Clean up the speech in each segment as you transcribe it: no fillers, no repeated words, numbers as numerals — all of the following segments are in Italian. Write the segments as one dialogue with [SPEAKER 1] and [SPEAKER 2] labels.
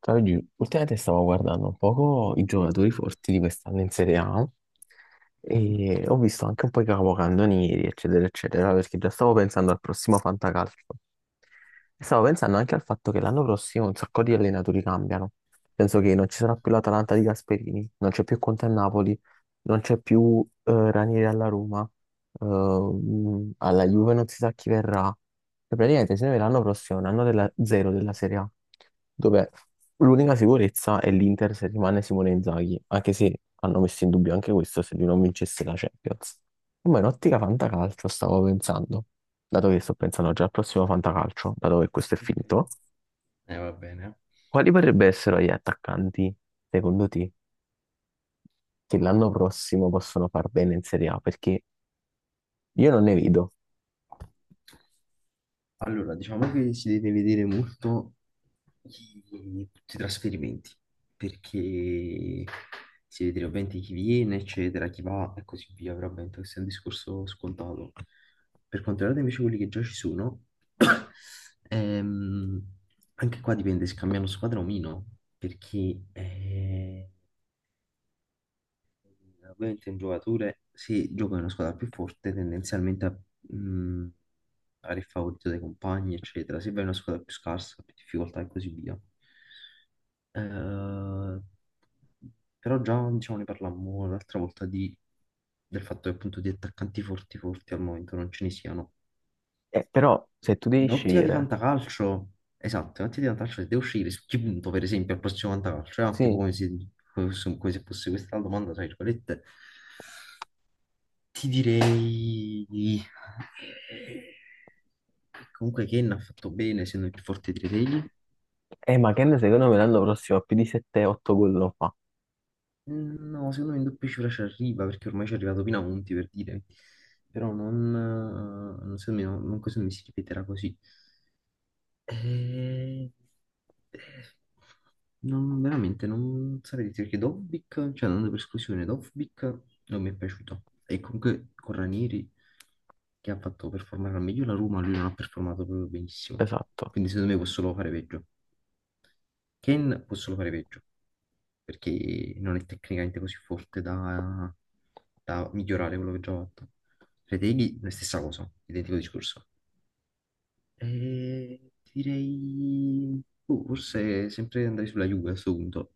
[SPEAKER 1] Ciao Gil, ultimamente stavo guardando un poco i giocatori forti di quest'anno in Serie A
[SPEAKER 2] Sì,
[SPEAKER 1] e ho visto anche un po' i capocannonieri, eccetera, eccetera, perché già stavo pensando al prossimo Fantacalcio. E stavo pensando anche al fatto che l'anno prossimo un sacco di allenatori cambiano. Penso che non ci sarà più l'Atalanta di Gasperini, non c'è più Conte a Napoli, non c'è più Ranieri alla Roma. Alla Juve non si sa chi verrà. E praticamente se ne verrà l'anno prossimo, un anno della zero della Serie A, dove l'unica sicurezza è l'Inter se rimane Simone Inzaghi, anche se hanno messo in dubbio anche questo se lui non vincesse la Champions. Ma in ottica fantacalcio stavo pensando, dato che sto pensando già al prossimo fantacalcio, dato che questo è finito,
[SPEAKER 2] ok. Va bene.
[SPEAKER 1] quali potrebbero essere gli attaccanti, secondo te, che l'anno prossimo possono far bene in Serie A? Perché io non ne vedo.
[SPEAKER 2] Allora, diciamo che si deve vedere molto chi- tutti i trasferimenti, perché si vede ovviamente chi viene, eccetera, chi va e così via, però ovviamente questo è un discorso scontato. Per quanto riguarda invece quelli che già ci sono, ehm, anche qua dipende se cambiano squadra o meno, perché ovviamente un giocatore, se gioca in una squadra più forte, tendenzialmente a, mh, a fare il favorito dai compagni, eccetera. Se vai in una squadra più scarsa, più difficoltà e così via. Eh, Però già diciamo, ne parlammo l'altra volta del fatto che appunto di attaccanti forti forti al momento non ce ne siano.
[SPEAKER 1] Però se tu devi
[SPEAKER 2] In ottica di
[SPEAKER 1] scegliere.
[SPEAKER 2] fantacalcio, esatto, in ottica di fantacalcio, se devo scegliere su chi punto, per esempio, al prossimo fantacalcio, tipo
[SPEAKER 1] Sì,
[SPEAKER 2] come se, come se fosse questa la domanda, tra virgolette. Ti direi eh, comunque Ken ha fatto bene, essendo il più forte dei tre degli.
[SPEAKER 1] ma Ken secondo me l'anno prossimo ha più di 7-8 gol lo fa.
[SPEAKER 2] No, secondo me in doppia cifra ci arriva, perché ormai ci è arrivato Pinamonti per dire. Però non, non- Secondo me, no, secondo me si ripeterà così. Eh, non, Veramente non saprei dire perché Dovbik, cioè andando per esclusione, Dovbik non mi è piaciuto. E comunque con Ranieri, che ha fatto performare al meglio la Roma, lui non ha performato proprio benissimo.
[SPEAKER 1] Esatto.
[SPEAKER 2] Quindi secondo me può solo fare peggio. Ken può solo fare peggio, perché non è tecnicamente così forte da, da migliorare quello che già ha fatto. Reteghi, la stessa cosa, identico discorso. Eh, Direi, boh, forse sempre andrei sulla Juve a questo punto.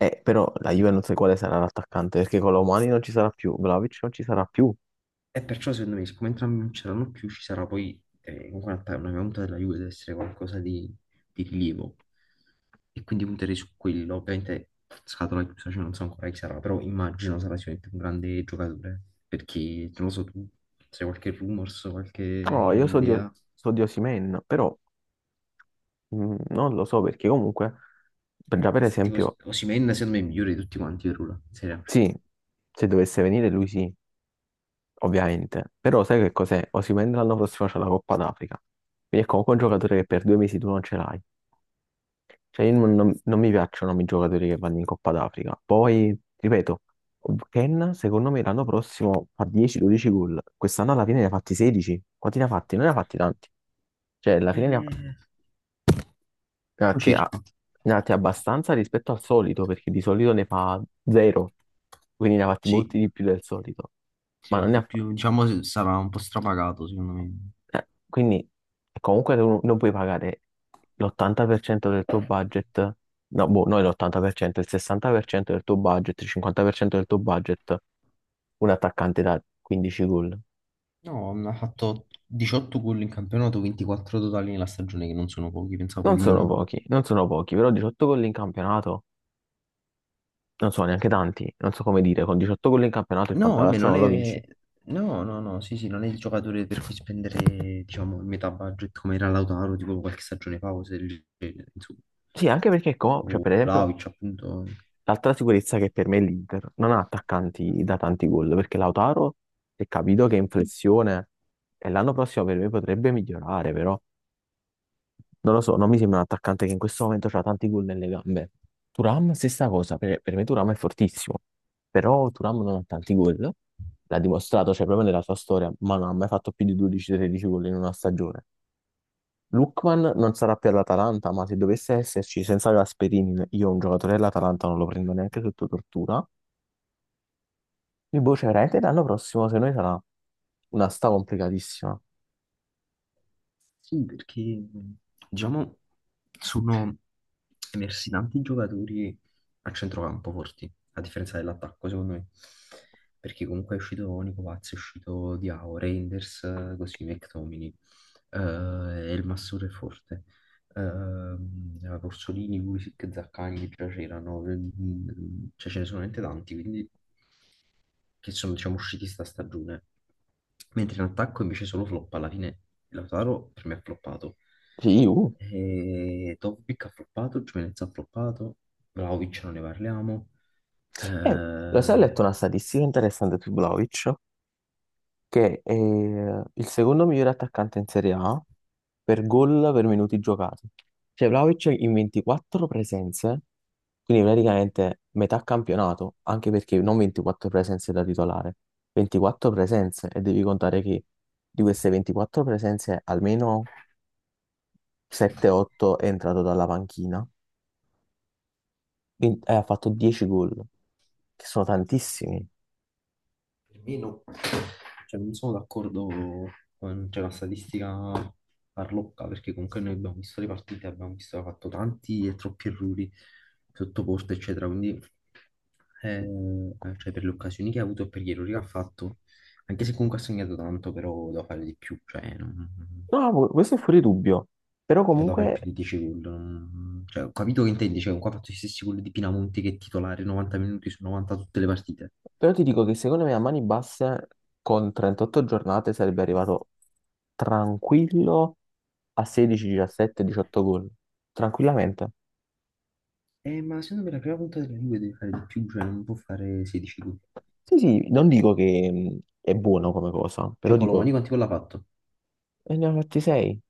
[SPEAKER 1] Però la
[SPEAKER 2] E,
[SPEAKER 1] Juve non so quale sarà l'attaccante, perché con Colomani non ci sarà più, Vlahovic non ci sarà più.
[SPEAKER 2] e perciò secondo me, siccome entrambi non c'erano più, ci sarà poi, comunque una mia punta della Juve deve essere qualcosa di rilievo. E quindi punterei su quello. Ovviamente scatola chiusa, cioè non so ancora chi sarà, però immagino sarà sicuramente un grande giocatore. Perché, non lo so, tu se hai qualche rumors, qualche
[SPEAKER 1] No, io so di,
[SPEAKER 2] idea,
[SPEAKER 1] so di Osimhen, però non lo so, perché comunque,
[SPEAKER 2] eh,
[SPEAKER 1] già per
[SPEAKER 2] tipo
[SPEAKER 1] esempio,
[SPEAKER 2] Osimhen secondo me è il migliore di tutti quanti per ora, in Serie A.
[SPEAKER 1] sì, se dovesse venire lui sì, ovviamente. Però sai che cos'è? Osimhen l'anno prossimo c'è la Coppa d'Africa. Quindi è comunque un giocatore che per due mesi tu non ce l'hai. Cioè, io non mi piacciono i giocatori che vanno in Coppa d'Africa. Poi, ripeto, Ken, secondo me, l'anno prossimo fa 10-12 gol. Quest'anno alla fine ne ha fatti 16. Quanti ne ha fatti? Non ne ha fatti tanti. Cioè, alla fine
[SPEAKER 2] Eh,
[SPEAKER 1] ne ha
[SPEAKER 2] o
[SPEAKER 1] fatti
[SPEAKER 2] circa.
[SPEAKER 1] a- ne ha fatti abbastanza rispetto al solito, perché di solito ne fa 0. Quindi ne ha fatti molti
[SPEAKER 2] Sì,
[SPEAKER 1] di più del solito.
[SPEAKER 2] sì,
[SPEAKER 1] Ma
[SPEAKER 2] ha
[SPEAKER 1] non ne
[SPEAKER 2] fatto
[SPEAKER 1] ha.
[SPEAKER 2] più, diciamo, sarà un po' strapagato, secondo me.
[SPEAKER 1] Quindi comunque tu non puoi pagare l'80% del tuo budget, no, boh, noi l'80%, il 60% del tuo budget, il 50% del tuo budget, un attaccante da 15 gol.
[SPEAKER 2] No, ha fatto 18 gol in campionato, 24 totali nella stagione, che non sono pochi, pensavo
[SPEAKER 1] Non
[SPEAKER 2] di
[SPEAKER 1] sono
[SPEAKER 2] meno.
[SPEAKER 1] pochi, non sono pochi, però 18 gol in campionato non sono neanche tanti, non so come dire, con 18 gol in campionato il
[SPEAKER 2] No, vabbè,
[SPEAKER 1] Fantacalcio
[SPEAKER 2] non
[SPEAKER 1] non lo vinci.
[SPEAKER 2] è... No, no, no, sì, sì, non è il giocatore per cui spendere, diciamo, il metà budget come era Lautaro, tipo qualche stagione fa, cose del genere, insomma,
[SPEAKER 1] Sì, anche perché, cioè,
[SPEAKER 2] o
[SPEAKER 1] per esempio,
[SPEAKER 2] Vlahovic, appunto.
[SPEAKER 1] l'altra sicurezza che per me è l'Inter non ha attaccanti da tanti gol, perché Lautaro, se capito che è in flessione, e l'anno prossimo per me potrebbe migliorare, però non lo so, non mi sembra un attaccante che in questo momento ha tanti gol nelle gambe. Turam, stessa cosa, per me Turam è fortissimo, però Turam non ha tanti gol, l'ha dimostrato, cioè proprio nella sua storia, ma non ha mai fatto più di 12-13 gol in una stagione. Lukman non sarà più all'Atalanta, ma se dovesse esserci senza Gasperini, io un giocatore dell'Atalanta non lo prendo neanche sotto tortura. Quindi, boh, cioè, veramente l'anno prossimo, se noi sarà una sta complicatissima.
[SPEAKER 2] Sì, perché, diciamo, sono persi tanti giocatori a centrocampo forti, a differenza dell'attacco, secondo me. Perché comunque è uscito Nico Paz, è uscito Diao, Reinders, così McTominay, eh, Elmasur è forte, Orsolini, Pulisic, Zaccagni che già c'erano, cioè ce ne sono veramente tanti, quindi che sono diciamo usciti sta stagione. Mentre in attacco invece solo flop, alla fine Lautaro per me ha floppato.
[SPEAKER 1] Sì.
[SPEAKER 2] E Dovbik ha floppato, Gimenez ha floppato, Vlahovic non ne parliamo.
[SPEAKER 1] Eh, Lo sai, ho letto
[SPEAKER 2] Eh,
[SPEAKER 1] una statistica interessante su Vlahovic, che è il secondo migliore attaccante in Serie A per gol per minuti giocati. Cioè, Vlahovic in 24 presenze, quindi praticamente metà campionato, anche perché non 24 presenze da titolare, 24 presenze, e devi contare che di queste 24 presenze almeno 7-8 è entrato dalla panchina 20 ha fatto 10 gol, che sono tantissimi.
[SPEAKER 2] Firmino, cioè non sono d'accordo con cioè, la statistica farlocca, perché comunque noi abbiamo visto le partite, abbiamo visto, che ha fatto tanti e troppi errori sotto porta, eccetera, quindi cioè, per le occasioni che ha avuto e per gli errori che ha fatto, anche se comunque ha segnato tanto, però doveva fare di più, cioè, non-
[SPEAKER 1] No, no, questo è fuori dubbio. Però
[SPEAKER 2] Cioè, lo fa il più
[SPEAKER 1] comunque,
[SPEAKER 2] di 10 gol. Non- Cioè, ho capito che intendi. Cioè, qua ha fatto gli stessi gol di Pinamonti che è titolare 90 minuti su 90 tutte le partite.
[SPEAKER 1] però ti dico che secondo me a mani basse con 38 giornate sarebbe arrivato tranquillo a 16, 17, 18 gol. Tranquillamente.
[SPEAKER 2] Ma secondo me la prima punta della Juve deve fare di più, cioè non può fare 16 gol.
[SPEAKER 1] Sì, sì, non dico che è buono come cosa,
[SPEAKER 2] Cioè,
[SPEAKER 1] però dico,
[SPEAKER 2] Colomani quanti gol ha fatto?
[SPEAKER 1] e ne ha fatti 6,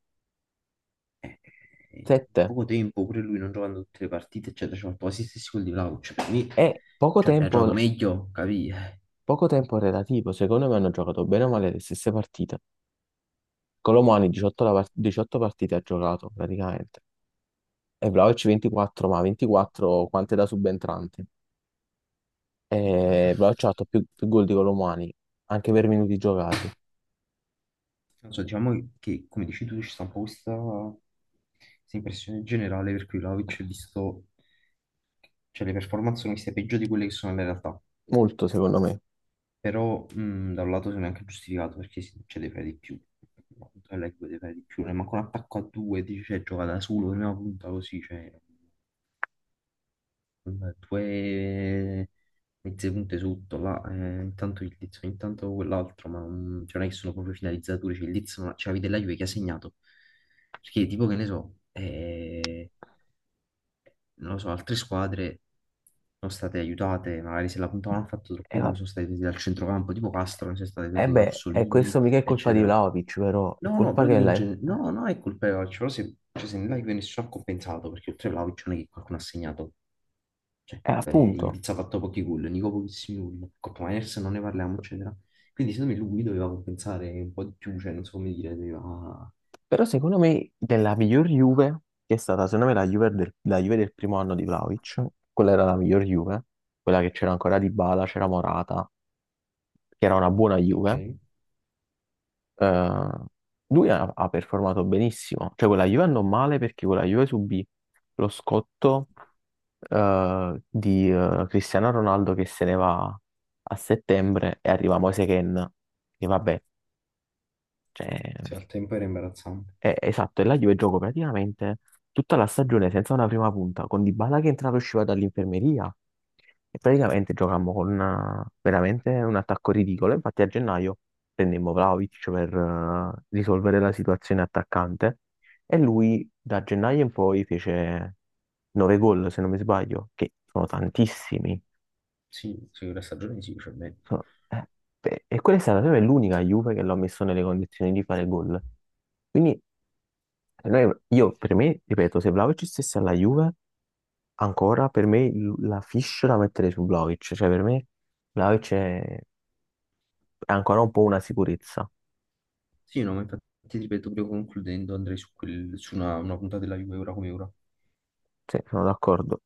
[SPEAKER 2] In
[SPEAKER 1] 7.
[SPEAKER 2] poco tempo, pure lui non giocando tutte le partite, eccetera, ci ha fatto quasi gli stessi gol di Vlahovic. Cioè, per me,
[SPEAKER 1] È
[SPEAKER 2] cioè, ha giocato meglio, capì?
[SPEAKER 1] poco tempo relativo. Secondo me hanno giocato bene o male le stesse partite. Colomani 18, 18 partite ha giocato praticamente e Vlahovic 24, ma 24 quante da subentrante. E Vlahovic ha fatto più gol di Colomani, anche per minuti giocati.
[SPEAKER 2] Non so, diciamo che, come dici tu, ci sta un po' questa impressione generale per cui Vlahovic è visto, cioè le performance sono viste peggio di quelle che sono nella realtà.
[SPEAKER 1] Molto secondo me.
[SPEAKER 2] Però da un lato sono anche giustificato perché si cioè, devi fare di più. No, leggo devi fare di più, ne manca un attacco a due, dice, cioè, gioca da solo, prima punta così, cioè, con due mezze punte sotto, là, intanto il Liz, intanto quell'altro, ma non, cioè, non è che sono proprio finalizzatori, cioè il Liz, non- cioè, avete la Juve che ha segnato, perché tipo che ne so, non lo so, altre squadre sono state aiutate, magari se la puntavano hanno fatto
[SPEAKER 1] E,
[SPEAKER 2] troppi gol,
[SPEAKER 1] va-
[SPEAKER 2] sono state aiutate dal centrocampo, tipo Castro, non è stato
[SPEAKER 1] e
[SPEAKER 2] aiutato da
[SPEAKER 1] beh, e
[SPEAKER 2] Orsolini,
[SPEAKER 1] questo mica è colpa di
[SPEAKER 2] eccetera.
[SPEAKER 1] Vlahovic, però è
[SPEAKER 2] No, no,
[SPEAKER 1] colpa
[SPEAKER 2] però
[SPEAKER 1] che
[SPEAKER 2] dico in genere, no, no, è colpa di Vlahovic, però se, cioè, se nella Juve nessuno ha compensato, perché oltre a Vlahovic non è che qualcuno ha segnato, cioè,
[SPEAKER 1] è
[SPEAKER 2] il
[SPEAKER 1] appunto.
[SPEAKER 2] Diz ha fatto pochi gol, Nico pochissimi gol, Coppa Miners non ne parliamo, eccetera. Quindi secondo me lui doveva compensare un po' di più, cioè, non so come dire, doveva...
[SPEAKER 1] Però secondo me della miglior Juve, che è stata secondo me la Juve del primo anno di Vlahovic, quella era la miglior Juve, quella che c'era ancora Dybala, c'era Morata, che era una buona Juve.
[SPEAKER 2] Ok,
[SPEAKER 1] Eh, Lui ha performato benissimo, cioè quella Juve andò male perché quella Juve subì lo scotto di Cristiano Ronaldo che se ne va a settembre e arriva Moise Kean, che vabbè, cioè,
[SPEAKER 2] sì, al tempo era imbarazzante.
[SPEAKER 1] esatto, e la Juve giocò praticamente tutta la stagione senza una prima punta, con Dybala che entrava e usciva dall'infermeria e praticamente giocammo con veramente un attacco ridicolo. Infatti a gennaio prendemmo Vlahovic per risolvere la situazione attaccante e lui da gennaio in poi fece 9 gol, se non mi sbaglio, che sono tantissimi.
[SPEAKER 2] Sì, sì, la stagione sì, cioè, beh,
[SPEAKER 1] Sono- eh, Beh, e quella è stata proprio l'unica Juve che l'ho messo nelle condizioni di fare gol. Quindi, per me, io, per me, ripeto, se Vlahovic stesse alla Juve, ancora per me la fish da mettere su Vlahovic, cioè per me Vlahovic è ancora un po' una sicurezza,
[SPEAKER 2] sì, no, ma infatti ti ripeto, proprio concludendo, andrei su, su una puntata della Juve ora come ora.
[SPEAKER 1] sì, sono d'accordo.